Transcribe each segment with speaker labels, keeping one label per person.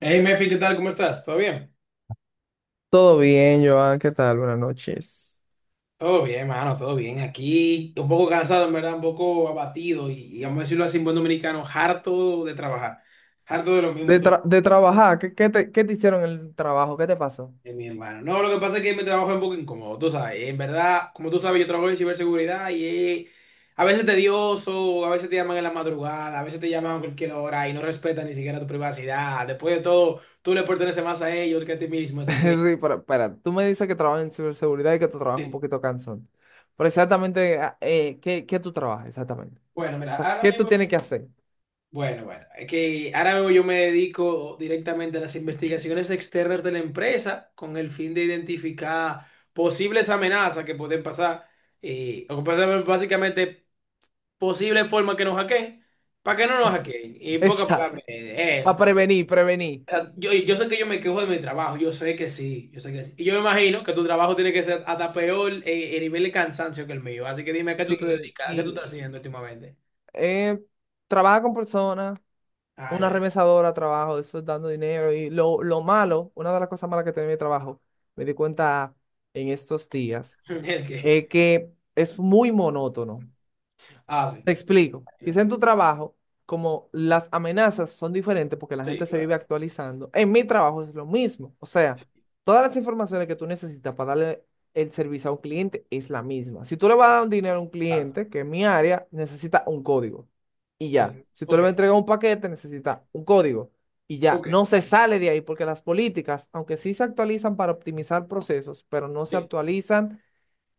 Speaker 1: Hey, Mefi, ¿qué tal? ¿Cómo estás? ¿Todo bien?
Speaker 2: Todo bien, Joan, ¿qué tal? Buenas noches.
Speaker 1: Todo bien, mano, todo bien. Aquí un poco cansado, en verdad, un poco abatido y vamos a decirlo así en buen dominicano, harto de trabajar, harto de lo
Speaker 2: De,
Speaker 1: mismo todo,
Speaker 2: tra- de trabajar, ¿qué te hicieron en el trabajo? ¿Qué te pasó?
Speaker 1: mi hermano. No, lo que pasa es que mi trabajo es un poco incómodo, tú sabes. En verdad, como tú sabes, yo trabajo en ciberseguridad y a veces tedioso, a veces te llaman en la madrugada, a veces te llaman a cualquier hora y no respetan ni siquiera tu privacidad. Después de todo, tú le perteneces más a ellos que a ti mismo, así que...
Speaker 2: Sí, pero espera, tú me dices que trabajas en ciberseguridad y que tu trabajo es un
Speaker 1: eh,
Speaker 2: poquito cansón. Pero exactamente, ¿qué tú trabajas exactamente?
Speaker 1: Bueno,
Speaker 2: O
Speaker 1: mira,
Speaker 2: sea,
Speaker 1: ahora
Speaker 2: ¿qué tú
Speaker 1: mismo.
Speaker 2: tienes que hacer?
Speaker 1: Bueno, bueno, es que ahora yo me dedico directamente a las investigaciones externas de la empresa con el fin de identificar posibles amenazas que pueden pasar, o que pueden ser básicamente posibles formas que nos hackeen, para que no nos hackeen. Y en pocas
Speaker 2: Exacto,
Speaker 1: palabras, eso.
Speaker 2: para prevenir.
Speaker 1: O sea, yo sé que yo me quejo de mi trabajo, yo sé que sí, yo sé que sí. Y yo me imagino que tu trabajo tiene que ser hasta peor el nivel de cansancio que el mío. Así que dime, ¿a qué tú te
Speaker 2: Sí,
Speaker 1: dedicas? ¿A qué tú
Speaker 2: y
Speaker 1: estás haciendo últimamente?
Speaker 2: eh, trabaja con personas,
Speaker 1: Ay,
Speaker 2: una
Speaker 1: ay, ay.
Speaker 2: remesadora, trabajo, eso es dando dinero. Y lo malo, una de las cosas malas que tiene mi trabajo, me di cuenta en estos días
Speaker 1: ¿El qué?
Speaker 2: es que es muy monótono.
Speaker 1: Ah, sí.
Speaker 2: Te explico. Quizá en tu trabajo, como las amenazas son diferentes porque la gente
Speaker 1: Sí,
Speaker 2: se
Speaker 1: claro,
Speaker 2: vive actualizando, en mi trabajo es lo mismo. O sea, todas las informaciones que tú necesitas para darle el servicio a un cliente es la misma. Si tú le vas a dar un dinero a un
Speaker 1: claro.
Speaker 2: cliente, que en mi área necesita un código y ya. Si tú le
Speaker 1: Ok,
Speaker 2: vas a entregar un paquete, necesita un código y ya.
Speaker 1: ok,
Speaker 2: No se sale de ahí porque las políticas, aunque sí se actualizan para optimizar procesos, pero no se
Speaker 1: sí.
Speaker 2: actualizan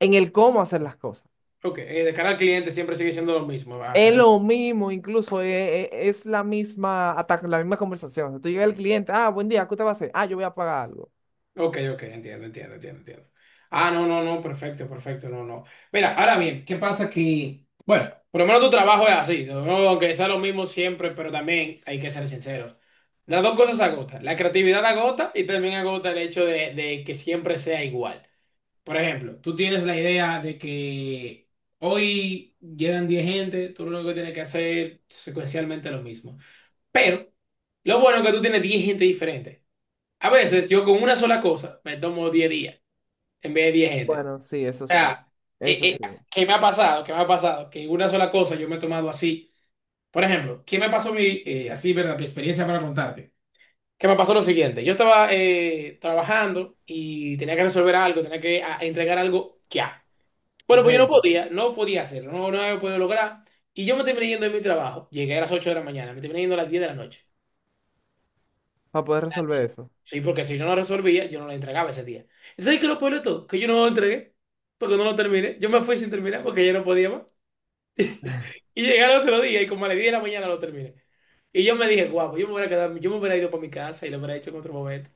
Speaker 2: en el cómo hacer las cosas.
Speaker 1: Ok, de cara al cliente siempre sigue siendo lo mismo. Al
Speaker 2: Es
Speaker 1: final.
Speaker 2: lo mismo, incluso es, la misma, hasta la misma conversación. O sea, tú llegas al cliente, ah, buen día, ¿qué te va a hacer? Ah, yo voy a pagar algo.
Speaker 1: Ok, ok, entiendo, entiendo, entiendo, entiendo. Ah, no, no, no, perfecto, perfecto, no, no. Mira, ahora bien, ¿qué pasa que, bueno, por lo menos tu trabajo es así, ¿no? No, aunque sea lo mismo siempre, pero también hay que ser sinceros. Las dos cosas agotan. La creatividad agota y también agota el hecho de que siempre sea igual. Por ejemplo, tú tienes la idea de que hoy llegan 10 gente, tú lo único que tienes que hacer secuencialmente lo mismo. Pero lo bueno es que tú tienes 10 gente diferente. A veces yo con una sola cosa me tomo 10 días en vez de 10 gente.
Speaker 2: Bueno, sí, eso
Speaker 1: O
Speaker 2: sí,
Speaker 1: sea, eh,
Speaker 2: eso
Speaker 1: eh,
Speaker 2: sí,
Speaker 1: ¿qué me ha pasado? ¿Qué me ha pasado? Que una sola cosa yo me he tomado así. Por ejemplo, ¿qué me pasó mi, así, verdad, mi experiencia para contarte? ¿Qué me pasó lo siguiente? Yo estaba trabajando y tenía que resolver algo, tenía que entregar algo ya. Bueno, pues yo no
Speaker 2: urgente,
Speaker 1: podía, no podía hacerlo, no, no había podido lograr. Y yo me terminé yendo de mi trabajo. Llegué a las 8 de la mañana, me terminé yendo a las 10 de la noche.
Speaker 2: para poder resolver eso.
Speaker 1: Sí, porque si yo no resolvía, yo no la entregaba ese día. ¿Y sabes qué es lo peor de todo? Que yo no lo entregué, porque no lo terminé. Yo me fui sin terminar, porque ya no podía más. Y llegué al otro día, y como a las 10 de la mañana lo terminé. Y yo me dije, guau, pues yo me hubiera quedado, yo me hubiera ido para mi casa y lo hubiera hecho en otro momento.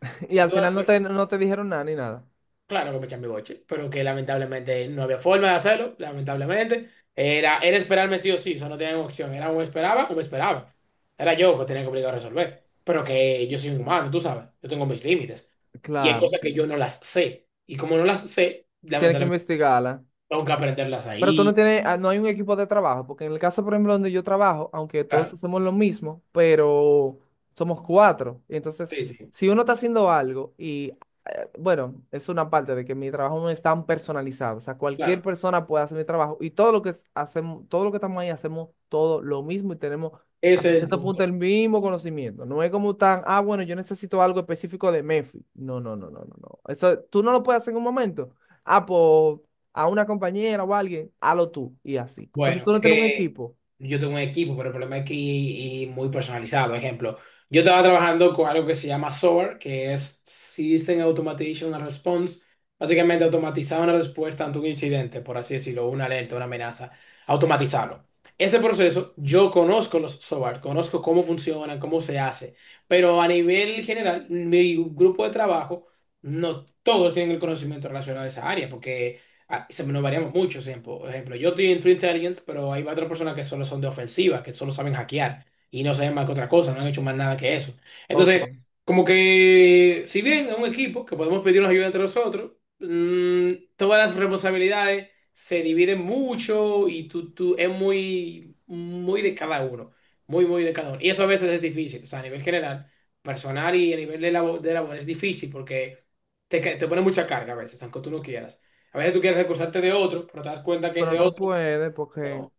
Speaker 2: Y al final no te dijeron nada ni nada.
Speaker 1: Claro que me eché mi boche, pero que lamentablemente no había forma de hacerlo, lamentablemente. Era esperarme sí o sí, o sea, no tenía opción. Era o me esperaba o me esperaba. Era yo que tenía que obligar a resolver. Pero que yo soy un humano, tú sabes, yo tengo mis límites. Y hay
Speaker 2: Claro,
Speaker 1: cosas que yo no las sé. Y como no las sé,
Speaker 2: tienes que
Speaker 1: lamentablemente
Speaker 2: investigarla.
Speaker 1: tengo que aprenderlas
Speaker 2: Pero tú no
Speaker 1: ahí.
Speaker 2: tienes, ah, ¿no hay un equipo de trabajo? Porque en el caso, por ejemplo, donde yo trabajo, aunque todos
Speaker 1: Claro,
Speaker 2: hacemos lo mismo, pero somos cuatro. Y entonces,
Speaker 1: sí, sí,
Speaker 2: si uno está haciendo algo y, bueno, es una parte de que mi trabajo no es tan personalizado. O sea, cualquier
Speaker 1: claro.
Speaker 2: persona puede hacer mi trabajo y todo lo hacemos, todo lo que estamos ahí hacemos todo lo mismo y tenemos hasta
Speaker 1: Ese es el
Speaker 2: cierto
Speaker 1: punto.
Speaker 2: punto el mismo conocimiento. No es como tan, ah, bueno, yo necesito algo específico de MEFI. No, no, no, no, no, no. Eso tú no lo puedes hacer en un momento. Ah, pues a una compañera o a alguien, hazlo tú y así. Entonces
Speaker 1: Bueno,
Speaker 2: tú no tienes un equipo.
Speaker 1: yo tengo un equipo, pero el problema es que muy personalizado. Ejemplo, yo estaba trabajando con algo que se llama SOAR, que es System Automation and Response. Básicamente automatizar una respuesta ante un incidente, por así decirlo, una alerta, una amenaza, automatizarlo. Ese proceso, yo conozco los SOAR, conozco cómo funcionan, cómo se hace, pero a nivel general, mi grupo de trabajo, no todos tienen el conocimiento relacionado a esa área, porque nos variamos mucho. Ejemplo. Por ejemplo, yo estoy en True Intelligence, pero hay otras personas que solo son de ofensiva, que solo saben hackear y no saben más que otra cosa, no han hecho más nada que eso. Entonces,
Speaker 2: Ok.
Speaker 1: como que, si bien es un equipo que podemos pedirnos ayuda entre nosotros, todas las responsabilidades se dividen mucho y es muy, muy de cada uno. Muy, muy de cada uno. Y eso a veces es difícil, o sea, a nivel general, personal y a nivel de labor es difícil porque te pone mucha carga a veces, aunque tú no quieras. A veces tú quieres recusarte de otro, pero te das cuenta que
Speaker 2: Pero
Speaker 1: ese otro
Speaker 2: no puedes porque...
Speaker 1: no,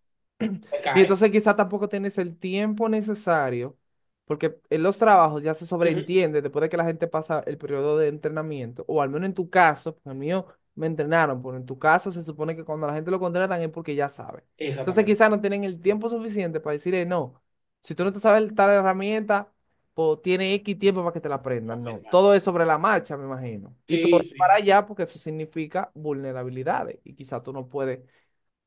Speaker 1: te
Speaker 2: Y
Speaker 1: cae.
Speaker 2: entonces quizá tampoco tienes el tiempo necesario, porque en los trabajos ya se
Speaker 1: Ujú.
Speaker 2: sobreentiende después de que la gente pasa el periodo de entrenamiento, o al menos en tu caso. Porque en el mío me entrenaron, pero en tu caso se supone que cuando la gente lo contratan es porque ya sabe. Entonces
Speaker 1: Exactamente.
Speaker 2: quizá no tienen el tiempo suficiente para decir, no, si tú no te sabes tal herramienta, pues tiene X tiempo para que te la
Speaker 1: No,
Speaker 2: aprendan.
Speaker 1: mi
Speaker 2: No,
Speaker 1: hermano.
Speaker 2: todo es sobre la marcha, me imagino. Y todo
Speaker 1: Sí,
Speaker 2: es para
Speaker 1: sí.
Speaker 2: allá porque eso significa vulnerabilidades y quizá tú no puedes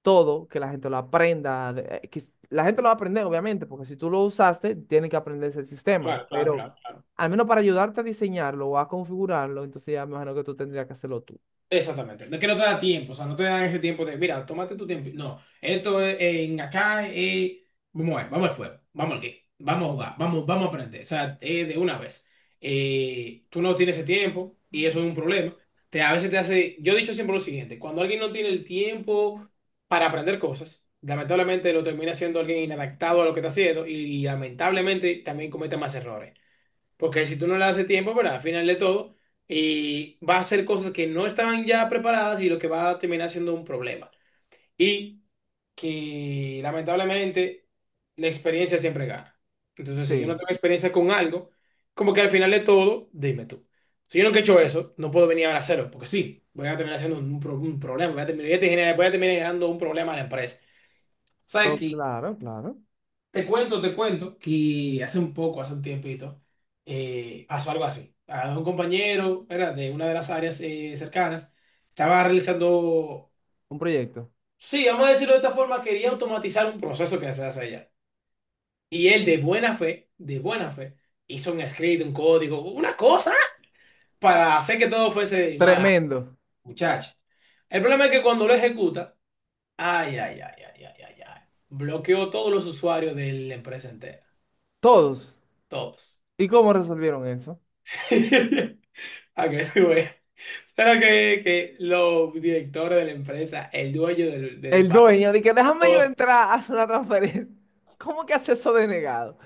Speaker 2: todo, que la gente lo aprenda, la gente lo va a aprender, obviamente, porque si tú lo usaste, tiene que aprenderse el sistema.
Speaker 1: Claro, claro,
Speaker 2: Pero
Speaker 1: claro, claro.
Speaker 2: al menos para ayudarte a diseñarlo o a configurarlo, entonces ya me imagino que tú tendrías que hacerlo tú.
Speaker 1: Exactamente, no es que no te da tiempo, o sea, no te dan ese tiempo de, mira, tómate tu tiempo. No, esto es en acá, vamos a ver, vamos al fuego, vamos al game, vamos a jugar, vamos a aprender, o sea, de una vez. Tú no tienes ese tiempo y eso es un problema. A veces te hace, yo he dicho siempre lo siguiente, cuando alguien no tiene el tiempo para aprender cosas, lamentablemente lo termina siendo alguien inadaptado a lo que está haciendo y, lamentablemente también comete más errores. Porque si tú no le das el tiempo, ¿verdad? Al final de todo, y va a hacer cosas que no estaban ya preparadas y lo que va a terminar siendo un problema. Y que lamentablemente la experiencia siempre gana. Entonces, si yo no
Speaker 2: Sí,
Speaker 1: tengo experiencia con algo, como que al final de todo, dime tú. Si yo nunca he hecho eso, no puedo venir ahora a hacerlo, porque sí, voy a terminar haciendo un problema, voy a terminar generando un problema a la empresa. ¿Sabes?
Speaker 2: oh, claro.
Speaker 1: Te cuento que hace un tiempito, pasó algo así. A un compañero, era de una de las áreas cercanas, estaba realizando,
Speaker 2: Un proyecto.
Speaker 1: sí, vamos a decirlo de esta forma, quería automatizar un proceso que se hace allá. Y él de buena fe, hizo un script, un código, una cosa para hacer que todo fuese más,
Speaker 2: Tremendo.
Speaker 1: muchacho. El problema es que cuando lo ejecuta, ay, ay, ay, ay, ay, ay, ay, bloqueó todos los usuarios de la empresa entera,
Speaker 2: Todos.
Speaker 1: todos.
Speaker 2: ¿Y cómo resolvieron eso?
Speaker 1: A que tú veas. Solo que los directores de la empresa, el dueño del
Speaker 2: El
Speaker 1: banco,
Speaker 2: dueño, de que déjame yo entrar a hacer una transferencia. ¿Cómo que hace eso denegado?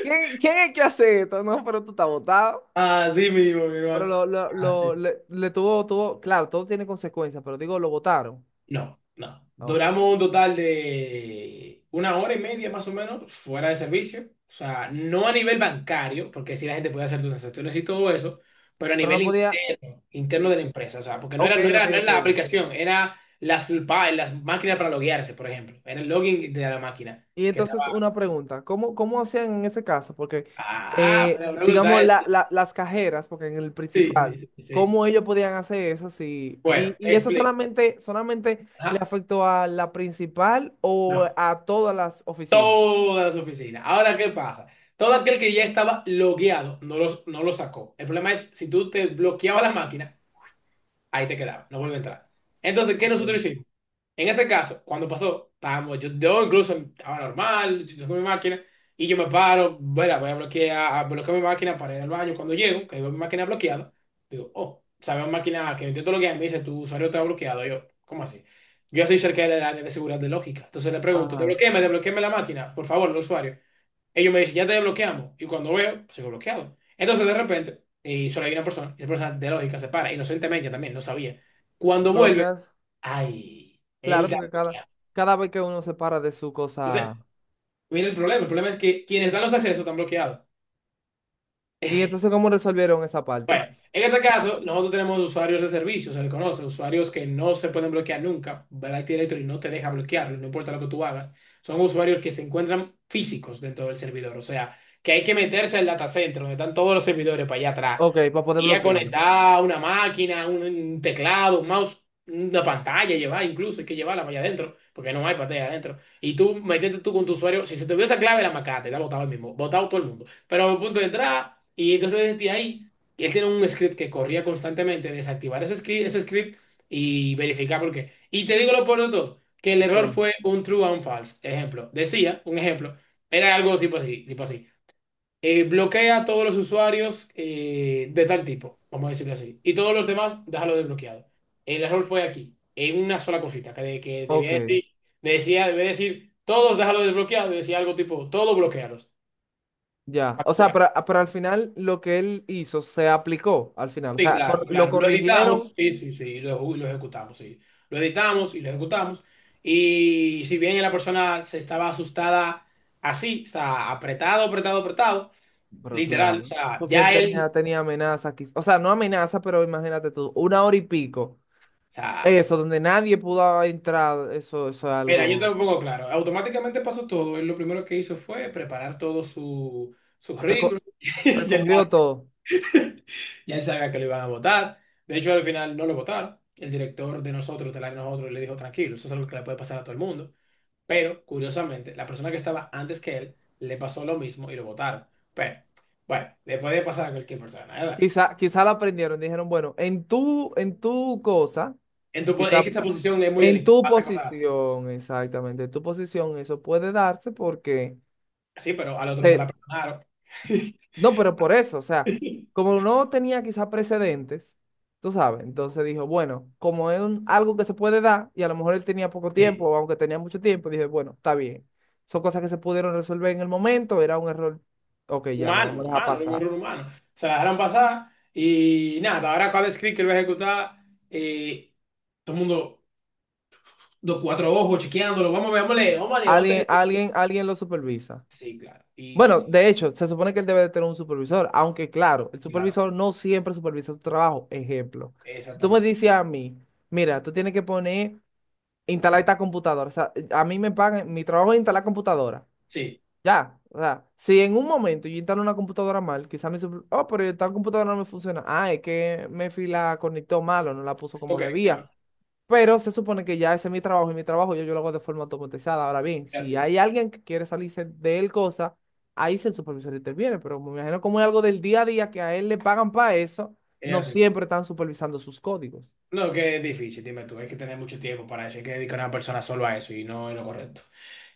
Speaker 2: ¿Quién es que hace esto? No, pero tú estás botado.
Speaker 1: así mismo, mi
Speaker 2: Pero
Speaker 1: hermano. Así.
Speaker 2: le tuvo, tuvo, claro, todo tiene consecuencias, pero digo, lo votaron.
Speaker 1: No, no.
Speaker 2: Ah, ok.
Speaker 1: Duramos un total de una hora y media más o menos fuera de servicio. O sea, no a nivel bancario, porque sí la gente puede hacer sus transacciones y todo eso, pero a
Speaker 2: Pero no
Speaker 1: nivel
Speaker 2: podía.
Speaker 1: interno, interno
Speaker 2: Y...
Speaker 1: de la empresa. O sea, porque no era,
Speaker 2: ok,
Speaker 1: no
Speaker 2: ok,
Speaker 1: era, no era
Speaker 2: ok.
Speaker 1: la aplicación, era las máquinas para loguearse, por ejemplo. Era el login de la máquina
Speaker 2: Y
Speaker 1: que estaba.
Speaker 2: entonces una pregunta, ¿cómo hacían en ese caso? Porque,
Speaker 1: Ah, me pregunta.
Speaker 2: digamos, las cajeras, porque en el
Speaker 1: Sí,
Speaker 2: principal,
Speaker 1: sí, sí, sí.
Speaker 2: ¿cómo ellos podían hacer eso? Sí.
Speaker 1: Bueno,
Speaker 2: Y eso
Speaker 1: explica.
Speaker 2: solamente, solamente le
Speaker 1: Ajá,
Speaker 2: afectó a la principal o
Speaker 1: no.
Speaker 2: a todas las oficinas.
Speaker 1: Todas las oficinas. Ahora, ¿qué pasa? Todo aquel que ya estaba logueado no lo sacó. El problema es, si tú te bloqueabas la máquina, ahí te quedaba, no vuelve a entrar. Entonces, ¿qué
Speaker 2: Ok.
Speaker 1: nosotros hicimos? En ese caso, cuando pasó, estábamos, yo incluso estaba normal, yo tengo mi máquina, y yo me paro, bueno, voy a bloquear mi máquina para ir al baño. Cuando llego, que veo mi máquina bloqueada, digo, oh, sabes máquina que intento bloquear, me dice, tu usuario está bloqueado. Yo, ¿cómo así? Yo soy cerca del área de seguridad de lógica. Entonces le pregunto,
Speaker 2: Ajá.
Speaker 1: desbloquéame, desbloquéame la máquina, por favor, el usuario. Ellos me dicen, ya te desbloqueamos. Y cuando veo, pues, sigo bloqueado. Entonces de repente, y solo hay una persona, y esa persona de lógica se para, inocentemente también, no sabía. Cuando vuelve,
Speaker 2: Bloqueas,
Speaker 1: Ay, él
Speaker 2: claro,
Speaker 1: da
Speaker 2: porque
Speaker 1: bloqueado.
Speaker 2: cada vez que uno se para de su
Speaker 1: Entonces,
Speaker 2: cosa.
Speaker 1: mira el problema. El problema es que quienes dan los accesos están bloqueados.
Speaker 2: ¿Y entonces cómo resolvieron esa parte?
Speaker 1: Bueno, en este caso, nosotros tenemos usuarios de servicio, se le conoce, usuarios que no se pueden bloquear nunca. Black Directory no te deja bloquearlos, no importa lo que tú hagas. Son usuarios que se encuentran físicos dentro del servidor. O sea, que hay que meterse al data center donde están todos los servidores para allá atrás.
Speaker 2: Ok, para poder
Speaker 1: Y a
Speaker 2: bloquearlo.
Speaker 1: conectar una máquina, un teclado, un mouse, una pantalla, llevar incluso, hay que llevarla para allá adentro, porque no hay pantalla adentro. Y tú metiste tú con tu usuario, si se te olvidó esa clave, la macate, la botaba el mismo, botado todo el mundo. Pero a punto de entrada, y entonces desde ahí, él tiene un script que corría constantemente, desactivar ese script y verificar por qué. Y te digo lo por de todo, que el error
Speaker 2: Ok,
Speaker 1: fue un true and false. Ejemplo, un ejemplo, era algo tipo así bloquea a todos los usuarios de tal tipo, vamos a decirlo así. Y todos los demás, déjalo desbloqueado. El error fue aquí, en una sola cosita, que debía
Speaker 2: ok,
Speaker 1: decir, decía, debía decir, todos déjalo desbloqueado, y decía algo tipo, todos bloqueados.
Speaker 2: ya. O sea, pero, ah, pero al final lo que él hizo se aplicó al final. O
Speaker 1: Sí,
Speaker 2: sea,
Speaker 1: claro,
Speaker 2: lo
Speaker 1: claro. Lo
Speaker 2: corrigieron,
Speaker 1: editamos, sí, sí, sí, lo ejecutamos, sí. Lo editamos y lo ejecutamos. Y si bien la persona se estaba asustada así, o sea, apretado, apretado, apretado,
Speaker 2: pero
Speaker 1: literal, o
Speaker 2: claro.
Speaker 1: sea,
Speaker 2: Porque él
Speaker 1: ya él,
Speaker 2: tenía, tenía amenaza aquí. O sea, no amenaza, pero imagínate tú, una hora y pico.
Speaker 1: o sea.
Speaker 2: Eso, donde nadie pudo entrar, eso es
Speaker 1: Mira, yo
Speaker 2: algo.
Speaker 1: tampoco, claro. Automáticamente pasó todo. Él lo primero que hizo fue preparar todo su
Speaker 2: reco-
Speaker 1: currículum. Ya él,
Speaker 2: Recogió todo.
Speaker 1: ya él sabía que lo iban a votar. De hecho, al final no lo votaron. El director de nosotros, del área de nosotros, le dijo, tranquilo, eso es algo que le puede pasar a todo el mundo. Pero, curiosamente, la persona que estaba antes que él le pasó lo mismo y lo votaron. Pero, bueno, le puede pasar a cualquier persona, ¿eh? ¿Verdad?
Speaker 2: Quizá la aprendieron, dijeron, bueno, en tu cosa.
Speaker 1: En tu es que esta posición es muy
Speaker 2: En
Speaker 1: delicada,
Speaker 2: tu
Speaker 1: pasan cosas así.
Speaker 2: posición, exactamente, en tu posición eso puede darse porque,
Speaker 1: Sí, pero al otro no se la
Speaker 2: eh,
Speaker 1: perdonaron.
Speaker 2: no, pero por eso, o sea, como no tenía quizá precedentes, tú sabes. Entonces dijo, bueno, como es algo que se puede dar y a lo mejor él tenía poco tiempo,
Speaker 1: Sí,
Speaker 2: o aunque tenía mucho tiempo, dije, bueno, está bien, son cosas que se pudieron resolver en el momento, era un error, ok, ya, la
Speaker 1: humano,
Speaker 2: vamos a dejar
Speaker 1: humano, era un
Speaker 2: pasar.
Speaker 1: error humano. Se la dejaron pasar y nada, ahora cada script que él va a ejecutar, eh, todo el mundo, dos, cuatro ojos, chequeándolo, vamos a ver, vamos a leer, vamos a leer, vamos a leer.
Speaker 2: Alguien lo supervisa.
Speaker 1: Sí, claro, y
Speaker 2: Bueno,
Speaker 1: sí,
Speaker 2: de hecho, se supone que él debe de tener un supervisor, aunque claro, el
Speaker 1: claro,
Speaker 2: supervisor no siempre supervisa tu trabajo. Ejemplo, si tú me
Speaker 1: exactamente.
Speaker 2: dices a mí, mira, tú tienes que instalar esta computadora. O sea, a mí me pagan, mi trabajo es instalar computadora,
Speaker 1: Sí,
Speaker 2: ya. O sea, si en un momento yo instalo una computadora mal, quizá oh, pero tal computadora no me funciona, ah, es que me la conectó mal o no la puso como
Speaker 1: ok,
Speaker 2: debía,
Speaker 1: claro,
Speaker 2: pero se supone que ya ese es mi trabajo y mi trabajo yo lo hago de forma automatizada. Ahora bien,
Speaker 1: es
Speaker 2: si
Speaker 1: así,
Speaker 2: hay alguien que quiere salirse de él cosa, ahí sí el supervisor interviene. Pero me imagino como es algo del día a día que a él le pagan para eso,
Speaker 1: es
Speaker 2: no
Speaker 1: así.
Speaker 2: siempre están supervisando sus códigos.
Speaker 1: No, que es difícil, dime tú, hay que tener mucho tiempo para eso, hay que dedicar a una persona solo a eso y no es lo correcto.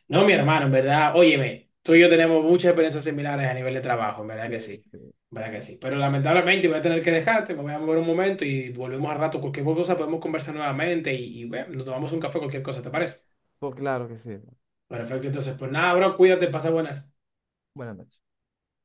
Speaker 1: No, mi hermano, en
Speaker 2: Ah,
Speaker 1: verdad, óyeme, tú y yo tenemos muchas experiencias similares a nivel de trabajo, en verdad
Speaker 2: sí,
Speaker 1: que sí,
Speaker 2: sí.
Speaker 1: en verdad que sí. Pero lamentablemente voy a tener que dejarte, me voy a mover un momento y volvemos al rato. Cualquier cosa podemos conversar nuevamente y bueno, nos tomamos un café, cualquier cosa, ¿te parece?
Speaker 2: Pues claro que sí.
Speaker 1: Perfecto, entonces, pues nada, bro, cuídate, pasa buenas.
Speaker 2: Buenas noches.